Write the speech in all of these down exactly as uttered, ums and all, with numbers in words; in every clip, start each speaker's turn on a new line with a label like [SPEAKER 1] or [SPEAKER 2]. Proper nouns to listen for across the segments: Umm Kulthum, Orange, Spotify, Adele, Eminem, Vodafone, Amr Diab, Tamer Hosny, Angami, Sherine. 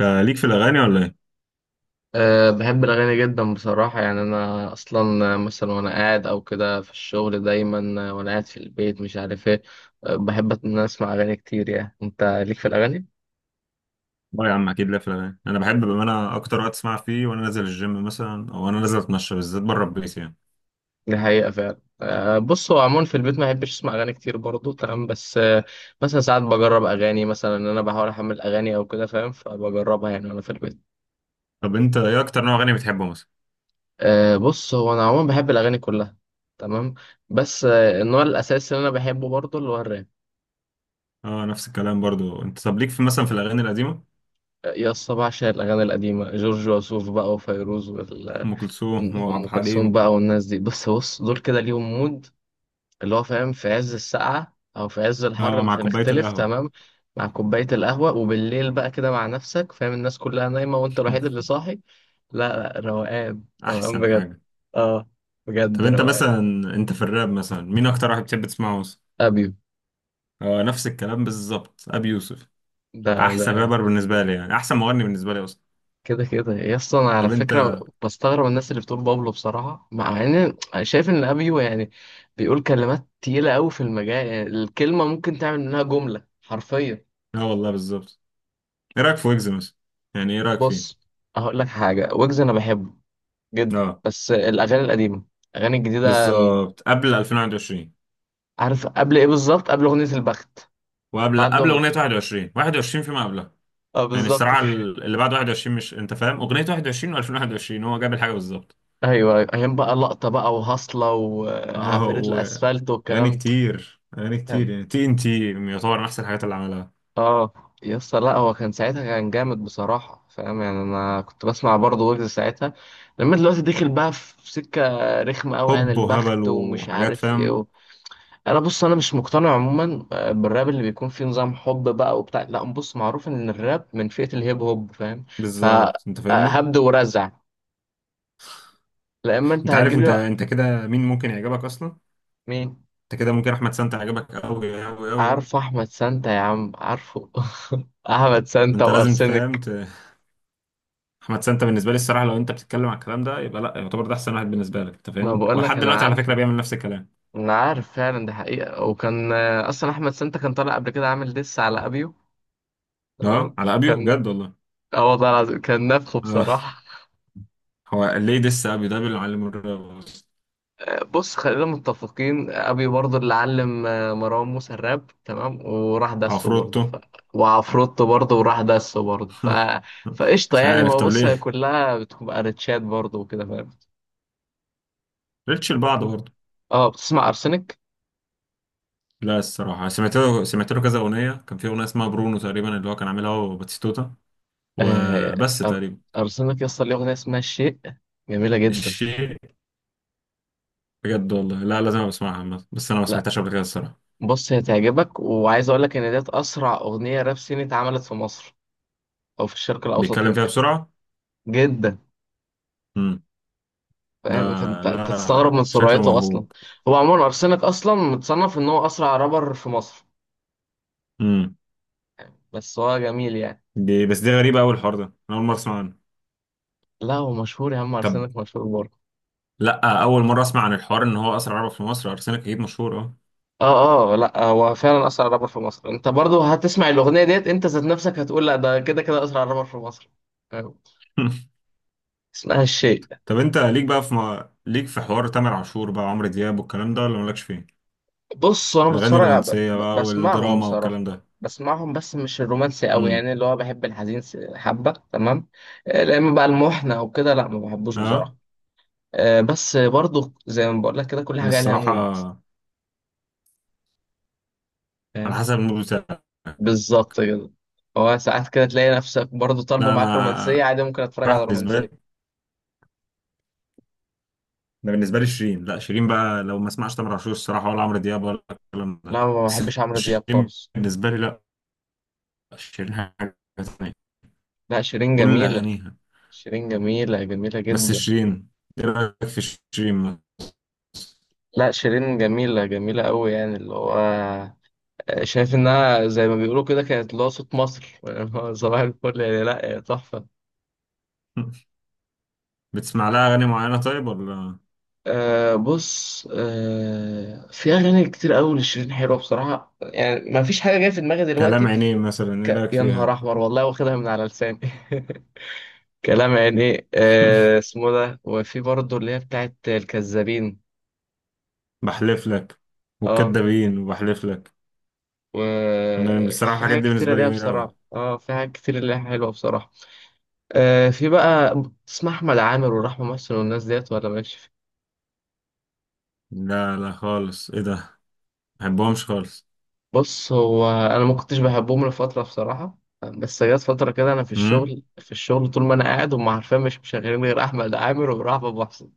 [SPEAKER 1] انت ليك في الاغاني ولا ايه؟
[SPEAKER 2] أه، بحب الأغاني جدا بصراحة، يعني أنا أصلا مثلا وأنا قاعد أو كده في الشغل دايما، آه، وأنا قاعد في البيت مش عارف إيه. أه، بحب إن أنا أسمع أغاني كتير. يعني أنت ليك في الأغاني؟
[SPEAKER 1] اه يا عم، اكيد ليا في الاغاني. انا بحب، بما انا اكتر وقت اسمع فيه وانا نازل الجيم مثلا، او انا نازل اتمشى بالذات بره البيت يعني.
[SPEAKER 2] دي حقيقة فعلا. أه، بص، هو عموما في البيت ما بحبش أسمع أغاني كتير برضه، تمام، بس أه. مثلا ساعات بجرب أغاني، مثلا إن أنا بحاول أحمل أغاني أو كده فاهم، فبجربها يعني وأنا في البيت.
[SPEAKER 1] طب انت ايه اكتر نوع اغاني بتحبه مثلا؟
[SPEAKER 2] أه، بص، هو أنا عموما بحب الأغاني كلها. تمام. بس آه، النوع الأساسي اللي أنا بحبه برضه اللي هو الراب.
[SPEAKER 1] اه نفس الكلام برضو. انت طب ليك في مثلا في الاغاني القديمه؟
[SPEAKER 2] يا اسطى، بعشق الأغاني القديمة، جورج وسوف بقى وفيروز وال-
[SPEAKER 1] ام كلثوم وعبد
[SPEAKER 2] وأم كلثوم
[SPEAKER 1] الحليم.
[SPEAKER 2] بقى والناس دي، بس بص، دول كده ليهم مود. اللي هو فاهم، في عز السقعة أو في عز الحر
[SPEAKER 1] اه مع
[SPEAKER 2] مش
[SPEAKER 1] كوبايه
[SPEAKER 2] هنختلف،
[SPEAKER 1] القهوه.
[SPEAKER 2] تمام. مع كوباية القهوة، وبالليل بقى كده مع نفسك، فاهم، الناس كلها نايمة وأنت الوحيد اللي صاحي. لا، لا، روقان روقان
[SPEAKER 1] احسن
[SPEAKER 2] بجد.
[SPEAKER 1] حاجه.
[SPEAKER 2] اه،
[SPEAKER 1] طب
[SPEAKER 2] بجد
[SPEAKER 1] انت
[SPEAKER 2] روقان.
[SPEAKER 1] مثلا، انت في الراب مثلا مين اكتر واحد بتحب تسمعه مثلا؟
[SPEAKER 2] أبيو.
[SPEAKER 1] اه نفس الكلام بالظبط، ابي يوسف
[SPEAKER 2] ده
[SPEAKER 1] احسن
[SPEAKER 2] ده
[SPEAKER 1] رابر بالنسبه لي، يعني احسن مغني بالنسبه لي اصلا.
[SPEAKER 2] كده كده يا اسطى، انا على
[SPEAKER 1] طب انت،
[SPEAKER 2] فكره بستغرب الناس اللي بتقول بابلو بصراحه، مع ان... شايف ان ابيو يعني... بيقول كلمات تقيله قوي في المجال، يعني الكلمه ممكن تعمل منها جمله حرفيا.
[SPEAKER 1] اه والله بالظبط. ايه رايك في ويجز مثلا؟ يعني ايه رايك فيه؟
[SPEAKER 2] بص. هقول لك حاجه، ويجز انا بحبه جدا،
[SPEAKER 1] اه
[SPEAKER 2] بس الاغاني القديمه. الاغاني الجديده م،
[SPEAKER 1] بالظبط قبل ألفين وواحد وعشرين.
[SPEAKER 2] عارف قبل ايه؟ بالظبط قبل اغنيه البخت.
[SPEAKER 1] وقبل
[SPEAKER 2] بعد
[SPEAKER 1] قبل اغنيه
[SPEAKER 2] أغ-
[SPEAKER 1] واحد وعشرين واحد وعشرين فيما قبلها.
[SPEAKER 2] اه،
[SPEAKER 1] يعني
[SPEAKER 2] بالظبط
[SPEAKER 1] الصراع
[SPEAKER 2] كده.
[SPEAKER 1] ال- اللي بعد واحد وعشرين، مش انت فاهم اغنيه واحد وعشرين و2021؟ هو جاب الحاجه بالظبط.
[SPEAKER 2] ايوه، ايام بقى لقطه بقى وهصله
[SPEAKER 1] اه،
[SPEAKER 2] وعفاريت
[SPEAKER 1] و
[SPEAKER 2] الاسفلت
[SPEAKER 1] اغاني
[SPEAKER 2] والكلام.
[SPEAKER 1] كتير، اغاني كتير، يعني تي ان تي يعتبر من احسن الحاجات اللي عملها.
[SPEAKER 2] اه، يا اسطى، لا هو كان ساعتها كان جامد بصراحة فاهم، يعني انا كنت بسمع برضه ويجز ساعتها. لما دلوقتي دخل بقى في سكة رخمة قوي، يعني
[SPEAKER 1] حب وهبل
[SPEAKER 2] البخت ومش
[SPEAKER 1] وحاجات،
[SPEAKER 2] عارف ايه
[SPEAKER 1] فاهم؟
[SPEAKER 2] و... انا بص انا مش مقتنع عموما آه، بالراب اللي بيكون فيه نظام حب بقى وبتاع، لا بص، معروف ان الراب من فئة الهيب هوب فاهم.
[SPEAKER 1] بالظبط، انت فاهمني.
[SPEAKER 2] فهبد ورزع. لا اما انت
[SPEAKER 1] انت عارف
[SPEAKER 2] هتجيب لي
[SPEAKER 1] انت
[SPEAKER 2] بقى.
[SPEAKER 1] انت كده مين ممكن يعجبك اصلا؟
[SPEAKER 2] مين؟
[SPEAKER 1] انت كده ممكن احمد سانتا يعجبك قوي قوي قوي بقى.
[SPEAKER 2] عارفه احمد سانتا يا عم، عارفه. احمد سانتا
[SPEAKER 1] انت لازم تفهم.
[SPEAKER 2] وارسنك.
[SPEAKER 1] احمد سانتا بالنسبه لي الصراحه، لو انت بتتكلم على الكلام ده، يبقى لا، يعتبر ده احسن واحد بالنسبه لك، انت
[SPEAKER 2] ما
[SPEAKER 1] فاهمني،
[SPEAKER 2] بقول لك،
[SPEAKER 1] ولحد
[SPEAKER 2] انا
[SPEAKER 1] دلوقتي على فكره
[SPEAKER 2] عارفه.
[SPEAKER 1] بيعمل نفس الكلام.
[SPEAKER 2] انا عارف فعلا دي حقيقة. وكان آه، اصلا احمد سانتا كان طالع قبل كده عامل ديس على ابيو.
[SPEAKER 1] اه
[SPEAKER 2] تمام
[SPEAKER 1] على ابيو،
[SPEAKER 2] كان.
[SPEAKER 1] بجد والله.
[SPEAKER 2] اه والله العظيم، كان نفخه
[SPEAKER 1] اه.
[SPEAKER 2] بصراحة.
[SPEAKER 1] هو ليه دس ابيو؟ ده بيعلم الراب أصلاً.
[SPEAKER 2] بص، خلينا متفقين، ابيو برضه اللي علم آه، مروان موسى الراب، تمام، وراح دسه برضه
[SPEAKER 1] وعفروتو.
[SPEAKER 2] ف... وعفروتو برضه وراح دسه برضه ف... فقشطة،
[SPEAKER 1] مش
[SPEAKER 2] يعني
[SPEAKER 1] عارف،
[SPEAKER 2] هو
[SPEAKER 1] طب
[SPEAKER 2] بص، هي
[SPEAKER 1] ليه
[SPEAKER 2] كلها بتبقى ريتشات برضه وكده فاهم.
[SPEAKER 1] ريتش لبعض برضه.
[SPEAKER 2] اه، بتسمع ارسنك؟
[SPEAKER 1] لا الصراحه، سمعت له سمعت له كذا اغنيه. كان في اغنيه اسمها برونو تقريبا، اللي هو كان عاملها هو وباتيستوتا،
[SPEAKER 2] آه...
[SPEAKER 1] وبس
[SPEAKER 2] أر...
[SPEAKER 1] تقريبا.
[SPEAKER 2] ارسنك يا اسطى، ليه اغنية اسمها الشيء. جميلة جدا.
[SPEAKER 1] الشيء؟ بجد والله، لا لازم أبقى اسمعها عامة. بس انا ما
[SPEAKER 2] لا،
[SPEAKER 1] سمعتهاش قبل كده الصراحه.
[SPEAKER 2] بص، هي تعجبك وعايز اقول لك ان ديت اسرع اغنيه راب صيني اتعملت في مصر او في الشرق الاوسط
[SPEAKER 1] بيتكلم فيها
[SPEAKER 2] ممكن.
[SPEAKER 1] بسرعه.
[SPEAKER 2] جدا.
[SPEAKER 1] ده
[SPEAKER 2] فاهم، فانت انت تستغرب
[SPEAKER 1] لا،
[SPEAKER 2] من
[SPEAKER 1] شكله
[SPEAKER 2] سرعته اصلا.
[SPEAKER 1] موهوب.
[SPEAKER 2] هو عموما ارسنال اصلا متصنف ان هو اسرع رابر في مصر.
[SPEAKER 1] امم.
[SPEAKER 2] بس هو جميل يعني.
[SPEAKER 1] دي بس دي غريبة، أول الحوار ده أنا أول مرة أسمع عنه.
[SPEAKER 2] لا هو مشهور، يا عم،
[SPEAKER 1] طب،
[SPEAKER 2] ارسنال مشهور برضه.
[SPEAKER 1] لا أول مرة أسمع عن الحوار إن هو أسرع عربة في مصر. أرسنال أكيد مشهور، أه.
[SPEAKER 2] اه، اه، لا هو فعلا اسرع رابر في مصر، انت برضه هتسمع الاغنيه ديت انت ذات نفسك هتقول لا، ده كده كده اسرع رابر في مصر. فاهم؟ اسمها الشيء.
[SPEAKER 1] طب أنت ليك بقى في م... ليك في حوار تامر عاشور بقى، عمرو دياب، والكلام ده، ولا مالكش فيه؟
[SPEAKER 2] بص، انا
[SPEAKER 1] الأغاني
[SPEAKER 2] بتفرج ب-
[SPEAKER 1] الرومانسية
[SPEAKER 2] ب-
[SPEAKER 1] بقى،
[SPEAKER 2] بسمعهم
[SPEAKER 1] والدراما
[SPEAKER 2] بصراحه.
[SPEAKER 1] والكلام ده.
[SPEAKER 2] بسمعهم، بس مش الرومانسي قوي،
[SPEAKER 1] امم.
[SPEAKER 2] يعني اللي هو بحب الحزين س- حبه تمام. آه، لا اما بقى المحنه او كده، لا، ما بحبوش بصراحه.
[SPEAKER 1] أه.
[SPEAKER 2] آه، بس برضو زي ما بقول لك، كده كل
[SPEAKER 1] أنا
[SPEAKER 2] حاجه لها
[SPEAKER 1] الصراحة
[SPEAKER 2] مود.
[SPEAKER 1] على
[SPEAKER 2] فاهم.
[SPEAKER 1] حسب المود بتاعي.
[SPEAKER 2] بالظبط كده. هو ساعات كده تلاقي نفسك برضو طالبه
[SPEAKER 1] لا
[SPEAKER 2] معاك رومانسيه،
[SPEAKER 1] أنا،
[SPEAKER 2] عادي ممكن اتفرج
[SPEAKER 1] راح
[SPEAKER 2] على
[SPEAKER 1] بالنسبة لي،
[SPEAKER 2] رومانسيه.
[SPEAKER 1] ده بالنسبة لي شيرين. لا شيرين بقى، لو ما اسمعش تامر عاشور الصراحة، ولا عمرو دياب، ولا الكلام ده.
[SPEAKER 2] لا، ما
[SPEAKER 1] بس
[SPEAKER 2] بحبش عمرو دياب
[SPEAKER 1] شيرين
[SPEAKER 2] خالص.
[SPEAKER 1] بالنسبة لي، لا، شيرين حاجة تانية،
[SPEAKER 2] لا، شيرين
[SPEAKER 1] كل
[SPEAKER 2] جميله.
[SPEAKER 1] أغانيها.
[SPEAKER 2] شيرين جميله جميله
[SPEAKER 1] بس
[SPEAKER 2] جدا.
[SPEAKER 1] شيرين، إيه رأيك في شيرين؟
[SPEAKER 2] لا، شيرين جميله جميله قوي، يعني اللي هو... شايف انها زي ما بيقولوا كده، كانت اللي هو صوت مصر صباح الفل، يعني لا تحفه.
[SPEAKER 1] بتسمع لها أغاني معينة طيب، ولا؟
[SPEAKER 2] أه، بص، أه في اغاني كتير قوي لشيرين حلوه بصراحه، يعني ما فيش حاجه جايه في دماغي
[SPEAKER 1] كلام
[SPEAKER 2] دلوقتي.
[SPEAKER 1] عينيه مثلا، إيه
[SPEAKER 2] ك...
[SPEAKER 1] رأيك
[SPEAKER 2] يا نهار
[SPEAKER 1] فيها؟
[SPEAKER 2] احمر والله، واخدها من على لساني. كلام، يعني ايه أه اسمه ده، وفي برضه اللي هي بتاعت الكذابين.
[SPEAKER 1] بحلف لك
[SPEAKER 2] اه،
[SPEAKER 1] وكدابين وبحلف لك. أنا بصراحة
[SPEAKER 2] وفي
[SPEAKER 1] الحاجات
[SPEAKER 2] حاجات
[SPEAKER 1] دي
[SPEAKER 2] كتيرة
[SPEAKER 1] بالنسبة لي
[SPEAKER 2] ليها
[SPEAKER 1] جميلة أوي.
[SPEAKER 2] بصراحة، اه في حاجات كتير ليها حلوة بصراحة. آه في بقى اسمها أحمد عامر ورحمة محسن والناس ديت، ولا ماشي؟
[SPEAKER 1] لا لا خالص، إيه ده؟ ما بحبهمش خالص.
[SPEAKER 2] بص، هو انا ما كنتش بحبهم لفتره بصراحه، بس جت فتره كده انا في
[SPEAKER 1] امم.
[SPEAKER 2] الشغل في الشغل طول ما انا قاعد، هم عارفين مش مشغلين غير احمد عامر ورحب ابو حسن.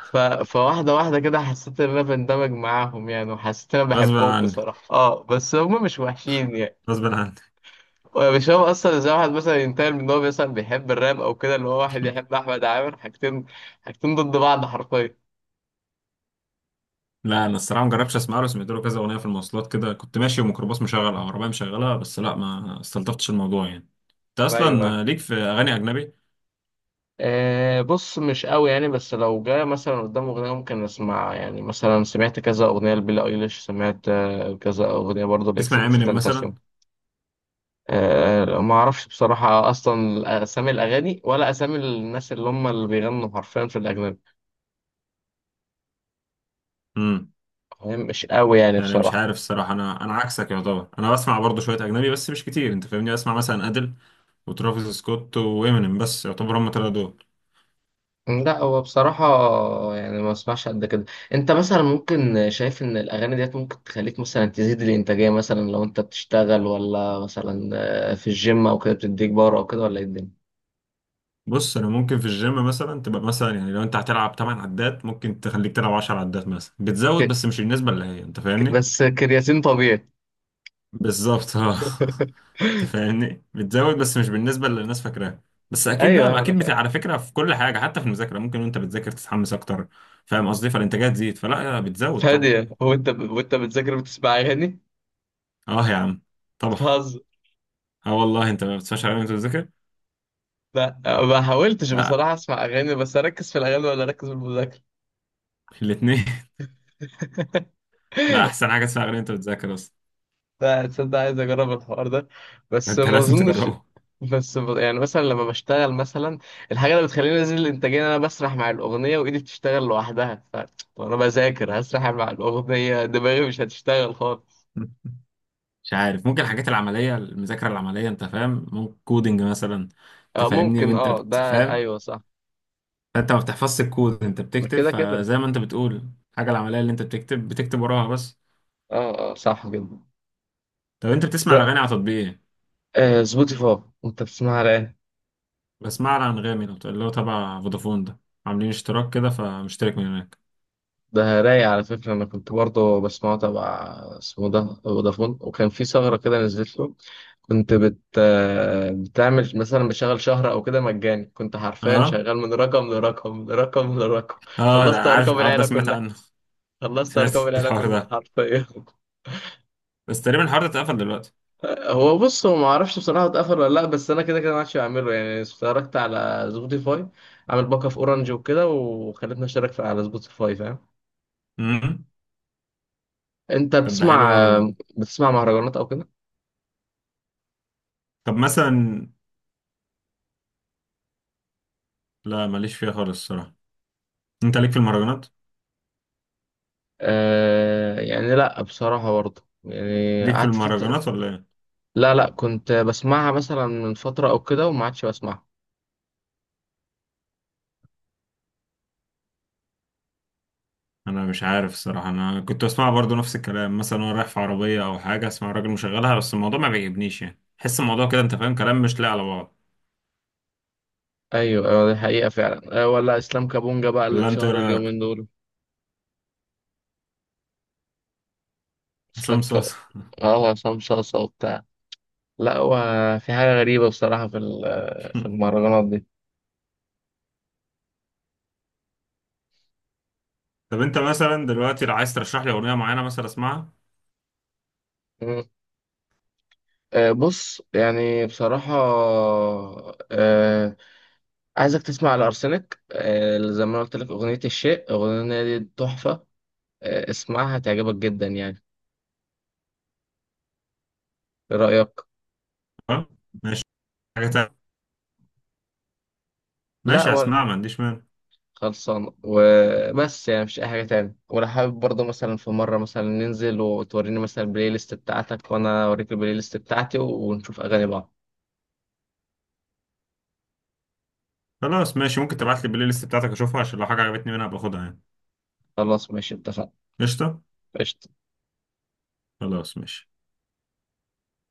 [SPEAKER 2] ف... فواحده واحده كده، حسيت ان انا بندمج معاهم يعني، وحسيت ان انا
[SPEAKER 1] غصب
[SPEAKER 2] بحبهم
[SPEAKER 1] عني،
[SPEAKER 2] بصراحه، اه بس هم مش وحشين يعني.
[SPEAKER 1] غصب عني.
[SPEAKER 2] مش هو اصلا زي واحد مثلا ينتقل من ان هو مثلا بيحب الراب او كده، اللي هو واحد يحب احمد عامر، حاجتين. حاجتين ضد بعض حرفيا.
[SPEAKER 1] لا انا الصراحه ما جربتش اسمع له. سمعت له كذا اغنيه في المواصلات، كده كنت ماشي وميكروباص مشغل او عربيه مشغلها، بس لا، ما استلطفتش الموضوع يعني. انت
[SPEAKER 2] ايوه.
[SPEAKER 1] اصلا ليك في اغاني اجنبي؟
[SPEAKER 2] أه، بص مش قوي يعني، بس لو جه مثلا قدام أغنية ممكن أسمع، يعني مثلا سمعت كذا أغنية لبيلي أيليش، سمعت آه، كذا أغنية برضه لإكس
[SPEAKER 1] تسمع
[SPEAKER 2] إكس
[SPEAKER 1] امينيم مثلا؟
[SPEAKER 2] تنتاسيون. أه، ما أعرفش بصراحة أصلا أسامي الأغاني ولا أسامي الناس اللي هم اللي بيغنوا حرفيا في الأجنبي.
[SPEAKER 1] امم.
[SPEAKER 2] فاهم؟ مش قوي يعني
[SPEAKER 1] يعني مش
[SPEAKER 2] بصراحة.
[SPEAKER 1] عارف الصراحه، انا انا عكسك يعتبر، انا بسمع برضه شويه اجنبي، بس مش كتير، انت فاهمني، بسمع مثلا ادل وترافيس سكوت وامينيم، بس يعتبر هم تلاتة دول.
[SPEAKER 2] لا هو بصراحة، يعني ما اسمعش قد كده. انت مثلا ممكن شايف ان الاغاني ديت ممكن تخليك مثلا تزيد الانتاجية، مثلا لو انت بتشتغل، ولا مثلا آه، في الجيم او كده بتديك باور او كده، ولا ايه الدنيا؟
[SPEAKER 1] بص انا ممكن في الجيم مثلا، تبقى مثلا يعني لو انت هتلعب ثماني عدات ممكن تخليك تلعب عشرة عدات مثلا، بتزود
[SPEAKER 2] ك...
[SPEAKER 1] بس مش النسبه اللي هي، انت
[SPEAKER 2] ك-
[SPEAKER 1] فاهمني.
[SPEAKER 2] بس كرياتين طبيعي.
[SPEAKER 1] بالظبط، اه. انت فاهمني، بتزود بس مش بالنسبه اللي الناس فاكراها. بس اكيد،
[SPEAKER 2] ايوه،
[SPEAKER 1] لا
[SPEAKER 2] ايوه، انا
[SPEAKER 1] اكيد، بت...
[SPEAKER 2] فاهم.
[SPEAKER 1] على فكره في كل حاجه، حتى في المذاكره ممكن وانت بتذاكر تتحمس اكتر. فاهم قصدي؟ فالانتاجيه تزيد، فلا بتزود طبعا.
[SPEAKER 2] ثانية، هو انت ب... وانت بتذاكر بتسمع اغاني؟
[SPEAKER 1] اه يا عم، طبعا.
[SPEAKER 2] بتهزر؟
[SPEAKER 1] اه والله، انت ما بتسمعش غير وانت بتذاكر.
[SPEAKER 2] لا، ما حاولتش
[SPEAKER 1] لا
[SPEAKER 2] بصراحة اسمع اغاني، بس اركز في الاغاني ولا اركز في المذاكرة.
[SPEAKER 1] الاثنين. لا احسن حاجه تسمع غير وانت بتذاكر اصلا.
[SPEAKER 2] لا، تصدق عايز اجرب الحوار ده. بس
[SPEAKER 1] انت
[SPEAKER 2] ما
[SPEAKER 1] لازم
[SPEAKER 2] اظنش.
[SPEAKER 1] تجربه.
[SPEAKER 2] بس ب- يعني مثلا لما بشتغل مثلا، الحاجة اللي بتخليني انزل الانتاجية إن انا بسرح مع الاغنية وايدي بتشتغل لوحدها ف... وانا بذاكر هسرح مع الاغنية، دماغي مش هتشتغل خالص.
[SPEAKER 1] مش عارف، ممكن الحاجات العمليه، المذاكره العمليه انت فاهم، ممكن كودينج مثلا. انت
[SPEAKER 2] آه،
[SPEAKER 1] فاهمني
[SPEAKER 2] ممكن،
[SPEAKER 1] وانت
[SPEAKER 2] اه ده
[SPEAKER 1] بتفهم.
[SPEAKER 2] ايوه صح.
[SPEAKER 1] انت ما بتحفظش الكود، انت بتكتب،
[SPEAKER 2] كده كده.
[SPEAKER 1] فزي ما انت بتقول الحاجه العمليه اللي انت بتكتب، بتكتب وراها بس.
[SPEAKER 2] اه، اه، صح جدا.
[SPEAKER 1] طب انت بتسمع
[SPEAKER 2] ف-
[SPEAKER 1] الاغاني على تطبيق ايه؟
[SPEAKER 2] آه سبوتيفاي، انت بتسمعها على ايه؟
[SPEAKER 1] بسمع على انغامي، لو اللي هو تبع فودافون ده، عاملين اشتراك كده فمشترك من هناك.
[SPEAKER 2] ده رايق على فكرة، أنا كنت برضه بسمعه تبع، اسمه ده فودافون، وكان في ثغرة كده نزلت له. كنت بت آه، بتعمل مثلا بشغل شهر أو كده مجاني، كنت حرفيا
[SPEAKER 1] اه
[SPEAKER 2] شغال من رقم لرقم لرقم لرقم.
[SPEAKER 1] اه ده،
[SPEAKER 2] خلصت
[SPEAKER 1] عارف
[SPEAKER 2] أرقام
[SPEAKER 1] الحوار ده،
[SPEAKER 2] العيلة
[SPEAKER 1] سمعت
[SPEAKER 2] كلها.
[SPEAKER 1] عنه.
[SPEAKER 2] خلصت
[SPEAKER 1] سمعت
[SPEAKER 2] أرقام العيلة
[SPEAKER 1] الحوار
[SPEAKER 2] كلها
[SPEAKER 1] ده،
[SPEAKER 2] حرفيا.
[SPEAKER 1] بس تقريبا الحوار ده اتقفل دلوقتي.
[SPEAKER 2] هو بص هو ما اعرفش بصراحه اتقفل ولا لا، بس انا كده كده ما عادش بعمله، يعني اشتركت على سبوتيفاي. عامل باك اب اورنج وكده، وخلتني اشترك في- على سبوتيفاي فاهم.
[SPEAKER 1] امم.
[SPEAKER 2] انت
[SPEAKER 1] طب ده حلو
[SPEAKER 2] بتسمع
[SPEAKER 1] قوي ده.
[SPEAKER 2] بتسمع مهرجانات او كده؟
[SPEAKER 1] طب مثلا، لا ماليش فيها خالص الصراحه. انت ليك في المهرجانات؟
[SPEAKER 2] آه، يعني لا بصراحه، برضه يعني
[SPEAKER 1] ليك في
[SPEAKER 2] قعدت فتره.
[SPEAKER 1] المهرجانات ولا ايه؟
[SPEAKER 2] لا، لا، كنت بسمعها مثلا من فتره او كده وما عادش بسمعها.
[SPEAKER 1] انا مش عارف الصراحه، انا كنت اسمع برضو نفس الكلام مثلا، وانا رايح في عربيه او حاجه، اسمع راجل مشغلها، بس الموضوع ما بيعجبنيش يعني، حس الموضوع كده، انت فاهم، كلام مش لاقي على بعض.
[SPEAKER 2] ايوه، ايوه، دي حقيقه فعلا، آه ولا اسلام كابونجا بقى اللي
[SPEAKER 1] ولا انت، ايه
[SPEAKER 2] اتشهر
[SPEAKER 1] رايك؟
[SPEAKER 2] اليومين دول. اسلام
[SPEAKER 1] حسام
[SPEAKER 2] كابونجا.
[SPEAKER 1] صوص.
[SPEAKER 2] اه، عصام صاصا وبتاع. لا هو، في حاجة غريبة بصراحة في ال- في المهرجانات دي.
[SPEAKER 1] طب انت مثلا دلوقتي، لو عايز ترشح لي اغنيه معينه مثلا اسمعها.
[SPEAKER 2] مم. آه، بص يعني بصراحة، آه، عايزك تسمع الأرسنك، آه، زي ما أنا قلت لك أغنية الشيء، أغنية دي تحفة. آه، اسمعها تعجبك جدا يعني. إيه رأيك؟
[SPEAKER 1] تمام، ماشي. حاجه تانية.
[SPEAKER 2] لا،
[SPEAKER 1] ماشي،
[SPEAKER 2] ولا
[SPEAKER 1] هسمعها ما عنديش مانع.
[SPEAKER 2] خلصان وبس، يعني مش أي حاجة تاني، ولا حابب برضه مثلا في مرة مثلا ننزل وتوريني مثلا البلاي ليست بتاعتك وأنا أوريك البلاي ليست بتاعتي ونشوف أغاني بعض.
[SPEAKER 1] خلاص ماشي، ممكن تبعت لي البلاي ليست بتاعتك اشوفها، عشان لو حاجه عجبتني منها باخدها يعني.
[SPEAKER 2] خلاص ماشي، اتفقنا.
[SPEAKER 1] قشطه.
[SPEAKER 2] قشطة.
[SPEAKER 1] خلاص ماشي.